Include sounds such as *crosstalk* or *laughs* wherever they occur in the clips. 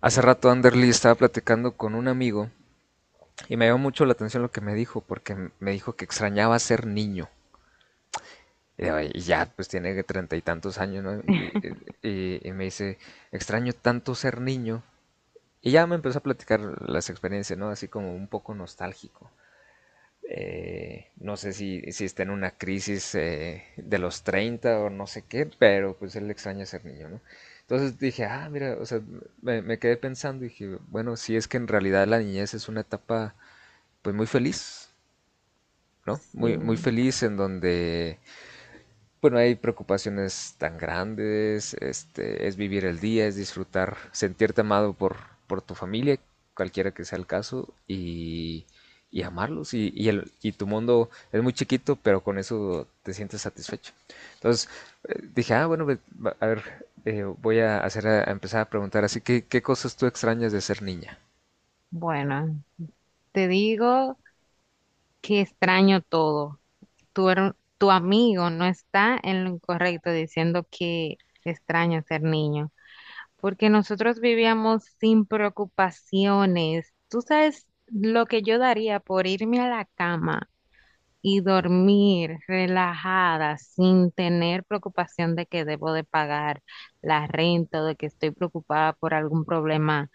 Hace rato Anderly estaba platicando con un amigo y me llamó mucho la atención lo que me dijo, porque me dijo que extrañaba ser niño. Y digo, "Ay, ya, pues tiene que treinta y tantos años, ¿no?" Y, y me dice, extraño tanto ser niño. Y ya me empezó a platicar las experiencias, ¿no? Así como un poco nostálgico. No sé si está en una crisis de los 30 o no sé qué, pero pues él extraña ser niño, ¿no? Entonces dije, ah, mira, o sea, me quedé pensando y dije, bueno, si es que en realidad la niñez es una etapa pues muy feliz, ¿no? Sí, Muy, muy feliz en donde pues no hay preocupaciones tan grandes, este, es vivir el día, es disfrutar, sentirte amado por tu familia, cualquiera que sea el caso, y amarlos. Y, el, y tu mundo es muy chiquito, pero con eso te sientes satisfecho. Entonces dije, ah, bueno, pues, a ver, voy a, hacer a empezar a preguntar así, ¿qué, qué cosas tú extrañas de ser niña? bueno, te digo que extraño todo. Tu amigo no está en lo incorrecto diciendo que extraño ser niño, porque nosotros vivíamos sin preocupaciones. Tú sabes lo que yo daría por irme a la cama y dormir relajada sin tener preocupación de que debo de pagar la renta o de que estoy preocupada por algún problema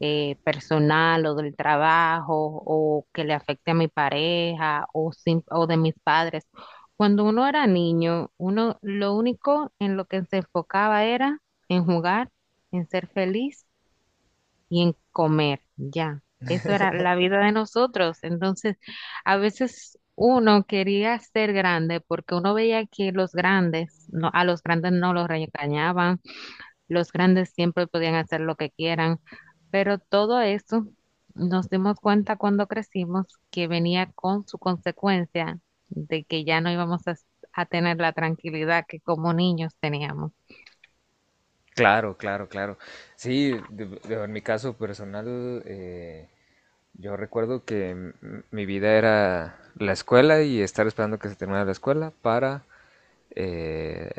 personal o del trabajo o que le afecte a mi pareja o de mis padres. Cuando uno era niño, uno lo único en lo que se enfocaba era en jugar, en ser feliz y en comer, ya. Eso era la vida de nosotros. Entonces, a veces uno quería ser grande porque uno veía que los grandes, no, a los grandes no los regañaban, los grandes siempre podían hacer lo que quieran, pero todo eso nos dimos cuenta cuando crecimos que venía con su consecuencia de que ya no íbamos a tener la tranquilidad que como niños teníamos. Claro, claro, claro. Sí, en mi caso personal, yo recuerdo que mi vida era la escuela y estar esperando que se terminara la escuela para eh,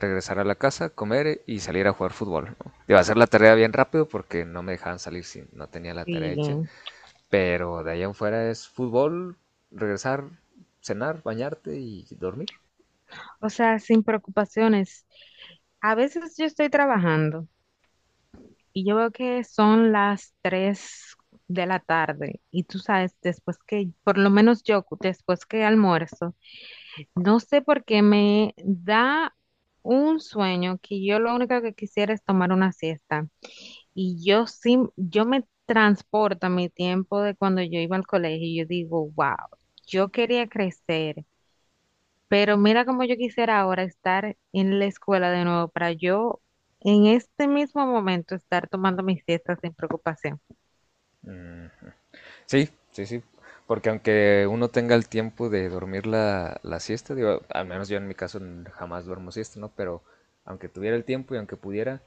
regresar a la casa, comer y salir a jugar fútbol, ¿no? Iba a hacer la tarea bien rápido porque no me dejaban salir si no tenía la tarea hecha, Y, pero de allá en fuera es fútbol, regresar, cenar, bañarte y dormir. o sea, sin preocupaciones. A veces yo estoy trabajando y yo veo que son las 3 de la tarde y tú sabes, después que, por lo menos yo, después que almuerzo, no sé por qué me da un sueño que yo lo único que quisiera es tomar una siesta. Y yo sí, yo me transporto a mi tiempo de cuando yo iba al colegio y yo digo, wow, yo quería crecer, pero mira cómo yo quisiera ahora estar en la escuela de nuevo para yo en este mismo momento estar tomando mis siestas sin preocupación. Mm, Sí, sí, sí. Porque aunque uno tenga el tiempo de dormir la siesta, digo, al menos yo en mi caso jamás duermo siesta, ¿no? Pero aunque tuviera el tiempo y aunque pudiera,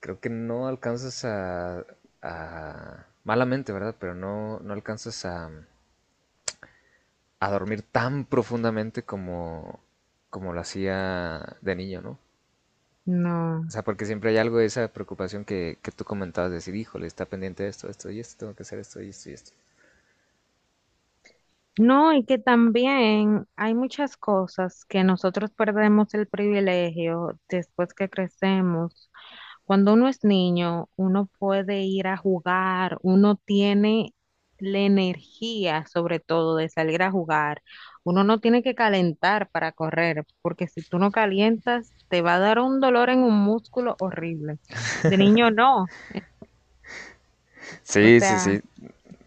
creo que no alcanzas a- malamente, ¿verdad? Pero no, no alcanzas a dormir tan profundamente como, como lo hacía de niño, ¿no? No. O sea, porque siempre hay algo de esa preocupación que tú comentabas, de decir, híjole, está pendiente de esto, esto y esto, tengo que hacer esto y esto y esto. No, y que también hay muchas cosas que nosotros perdemos el privilegio después que crecemos. Cuando uno es niño, uno puede ir a jugar, uno tiene la energía, sobre todo, de salir a jugar. Uno no tiene que calentar para correr, porque si tú no calientas, te va a dar un dolor en un músculo horrible. De niño no. O Sí, sí, sí, sea,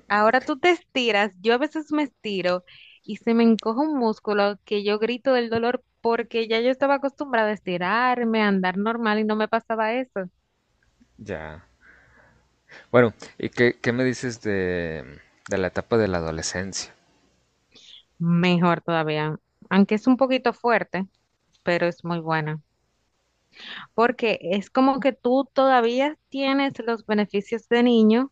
ahora tú te estiras, yo a veces me estiro y se me encoge un músculo que yo grito del dolor porque ya yo estaba acostumbrada a estirarme, a andar normal y no me pasaba eso. ya. Bueno, ¿y qué, qué me dices de la etapa de la adolescencia? Mejor todavía, aunque es un poquito fuerte, pero es muy buena, porque es como que tú todavía tienes los beneficios de niño,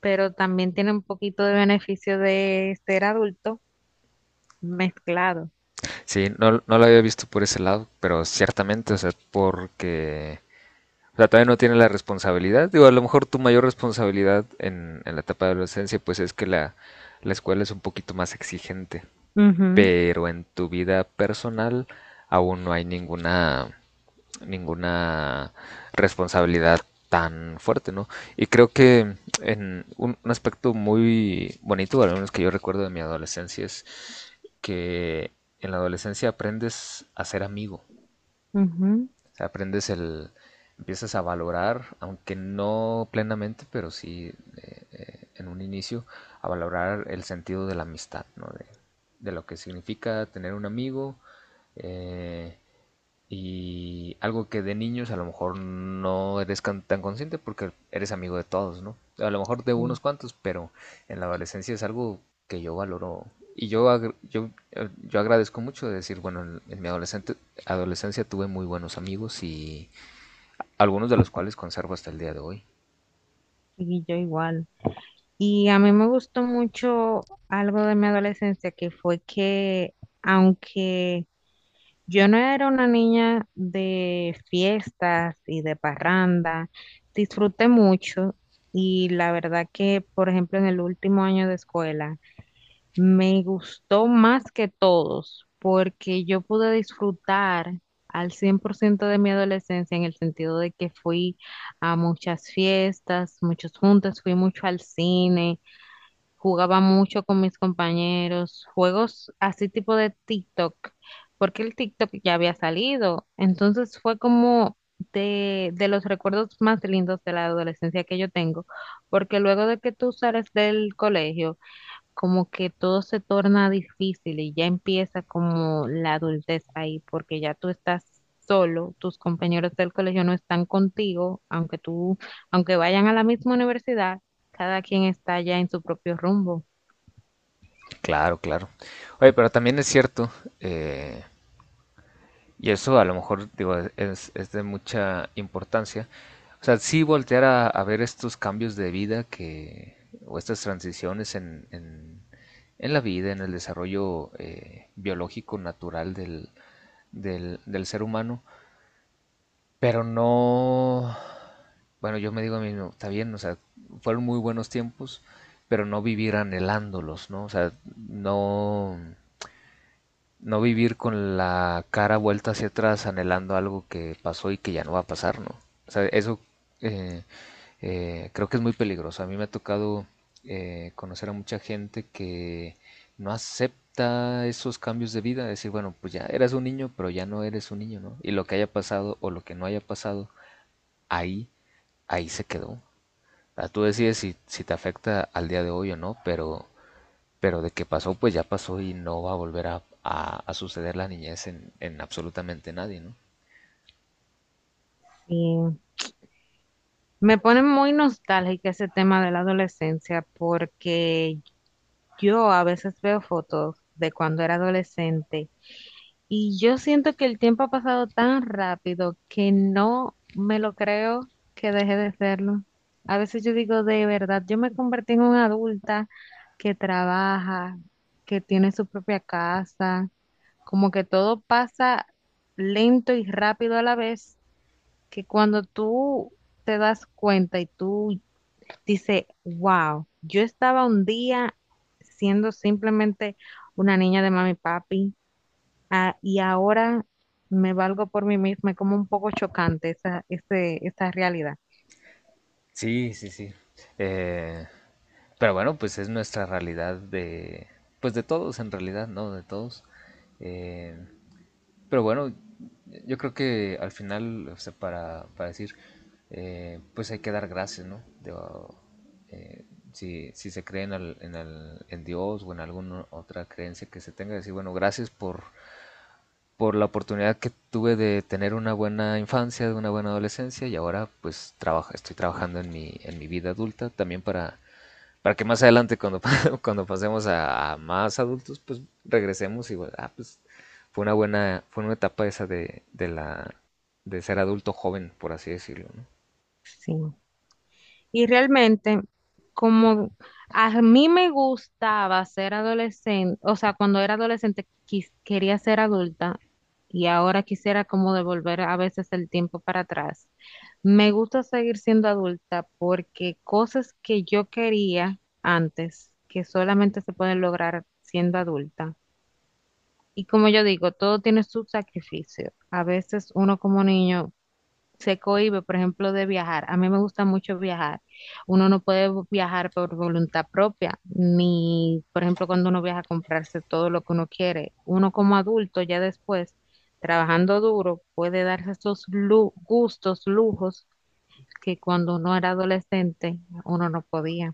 pero también tiene un poquito de beneficio de ser adulto mezclado. Sí, no, no lo había visto por ese lado, pero ciertamente, o sea, porque, o sea, todavía no tiene la responsabilidad. Digo, a lo mejor tu mayor responsabilidad en la etapa de adolescencia, pues es que la escuela es un poquito más exigente, Ujú, pero en tu vida personal aún no hay ninguna ninguna responsabilidad tan fuerte, ¿no? Y creo que en un aspecto muy bonito, al menos que yo recuerdo de mi adolescencia, es que en la adolescencia aprendes a ser amigo, ujú, o sea, aprendes el, empiezas a valorar, aunque no plenamente, pero sí en un inicio, a valorar el sentido de la amistad, ¿no? De lo que significa tener un amigo, eh, y algo que de niños a lo mejor no eres tan consciente porque eres amigo de todos, ¿no? A lo mejor de unos sí, cuantos, pero en la adolescencia es algo que yo valoro. Y yo, yo, yo agradezco mucho de decir, bueno, en mi adolescencia tuve muy buenos amigos y algunos de los cuales conservo hasta el día de hoy. y yo igual. Y a mí me gustó mucho algo de mi adolescencia que fue que aunque yo no era una niña de fiestas y de parranda, disfruté mucho y la verdad que, por ejemplo, en el último año de escuela me gustó más que todos porque yo pude disfrutar al 100% de mi adolescencia en el sentido de que fui a muchas fiestas, muchos juntas, fui mucho al cine. Jugaba mucho con mis compañeros, juegos así tipo de TikTok, porque el TikTok ya había salido. Entonces fue como de los recuerdos más lindos de la adolescencia que yo tengo, porque luego de que tú sales del colegio, como que todo se torna difícil y ya empieza como la adultez ahí, porque ya tú estás solo, tus compañeros del colegio no están contigo, aunque tú, aunque vayan a la misma universidad, cada quien está ya en su propio rumbo. Claro, claro. Oye, pero también es cierto, eh, y eso a lo mejor, digo, es de mucha importancia. O sea, sí voltear a ver estos cambios de vida que, o estas transiciones en la vida, en el desarrollo biológico natural del, del, del ser humano, pero no... Bueno, yo me digo a mí, no está bien, o sea, fueron muy buenos tiempos, pero no vivir anhelándolos, ¿no? O sea, no no vivir con la cara vuelta hacia atrás anhelando algo que pasó y que ya no va a pasar, ¿no? O sea, eso eh, creo que es muy peligroso. A mí me ha tocado conocer a mucha gente que no acepta esos cambios de vida. Decir, bueno, pues ya eras un niño, pero ya no eres un niño, ¿no? Y lo que haya pasado o lo que no haya pasado, ahí, ahí se quedó. O sea, tú decides si, si te afecta al día de hoy o no, pero de que pasó, pues ya pasó y no va a volver a, a suceder la niñez en absolutamente nadie, ¿no? Sí. Me pone muy nostálgica ese tema de la adolescencia porque yo a veces veo fotos de cuando era adolescente y yo siento que el tiempo ha pasado tan rápido que no me lo creo que dejé de serlo. A veces yo digo, de verdad, yo me convertí en una adulta que trabaja, que tiene su propia casa, como que todo pasa lento y rápido a la vez, que cuando tú te das cuenta y tú dices, wow, yo estaba un día siendo simplemente una niña de mami y papi. Ah, y ahora me valgo por mí misma, es como un poco chocante esa realidad. Sí, sí, sí. Eh, pero bueno, pues es nuestra realidad de, pues de todos en realidad, ¿no? De todos. Eh, pero bueno, yo creo que al final, o sea, para decir, pues hay que dar gracias, ¿no? Digo, eh, si, si se cree en, en, en Dios o en alguna otra creencia que se tenga, decir, bueno, gracias por la oportunidad que tuve de tener una buena infancia, de una buena adolescencia y ahora pues trabaja, estoy trabajando en mi vida adulta también para que más adelante cuando, *laughs* cuando pasemos a más adultos pues regresemos y bueno, ah, pues fue una buena, fue una etapa esa de la, de ser adulto joven, por así decirlo, ¿no? Sí. Y realmente, como a mí me gustaba ser adolescente, o sea, cuando era adolescente quería ser adulta y ahora quisiera como devolver a veces el tiempo para atrás. Me gusta seguir siendo adulta porque cosas que yo quería antes, que solamente se pueden lograr siendo adulta. Y como yo digo, todo tiene su sacrificio. A veces uno como niño se cohíbe, por ejemplo, de viajar. A mí me gusta mucho viajar. Uno no puede viajar por voluntad propia, ni, por ejemplo, cuando uno viaja a comprarse todo lo que uno quiere. Uno como adulto, ya después, trabajando duro, puede darse esos gustos, lujos que cuando uno era adolescente, uno no podía.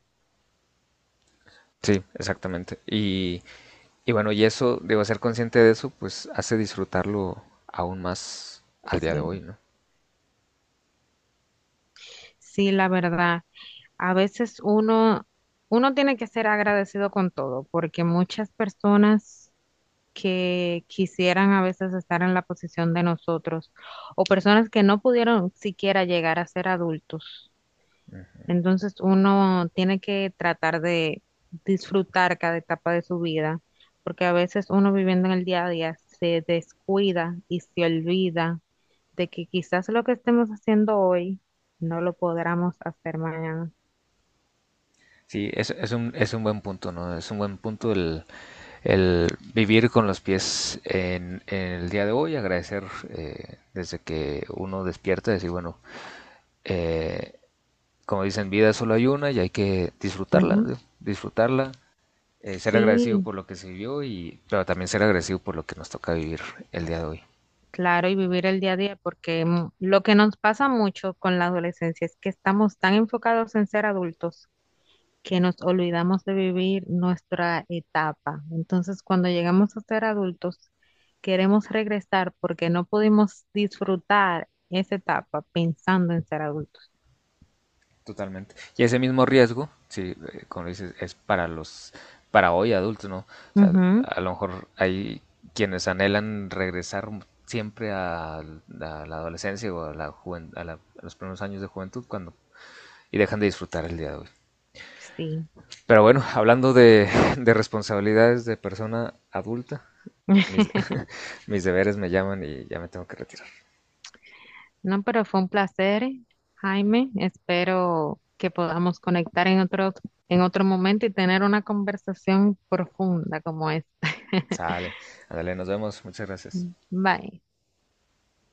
Sí, exactamente. Y bueno, y eso, debo ser consciente de eso, pues hace disfrutarlo aún más al día de Sí, hoy, ¿no? sí, la verdad. A veces uno, uno tiene que ser agradecido con todo, porque muchas personas que quisieran a veces estar en la posición de nosotros, o personas que no pudieron siquiera llegar a ser adultos. Entonces uno tiene que tratar de disfrutar cada etapa de su vida, porque a veces uno viviendo en el día a día se descuida y se olvida de que quizás lo que estemos haciendo hoy no lo podamos hacer mañana. Sí, es un buen punto, ¿no? Es un buen punto el vivir con los pies en el día de hoy, agradecer desde que uno despierta, decir, bueno, eh, como dicen, vida solo hay una y hay que disfrutarla, Ujú. ¿no? Disfrutarla, ser agradecido Sí, por lo que se vivió y, pero también ser agradecido por lo que nos toca vivir el día de hoy. claro, y vivir el día a día, porque lo que nos pasa mucho con la adolescencia es que estamos tan enfocados en ser adultos que nos olvidamos de vivir nuestra etapa. Entonces, cuando llegamos a ser adultos, queremos regresar porque no pudimos disfrutar esa etapa pensando en ser adultos. Totalmente. Y ese mismo riesgo, sí, como dices, es para los, para hoy adultos, ¿no? O sea, Ujú, a lo mejor hay quienes anhelan regresar siempre a la adolescencia o a, a a los primeros años de juventud cuando y dejan de disfrutar el día de hoy. sí. Pero bueno, hablando de responsabilidades de persona adulta, mis, *laughs* *laughs* mis deberes me llaman y ya me tengo que retirar. No, pero fue un placer, Jaime. Espero que podamos conectar en otro momento y tener una conversación profunda como esta. *laughs* Sale, ándale, nos vemos, muchas gracias. Bye.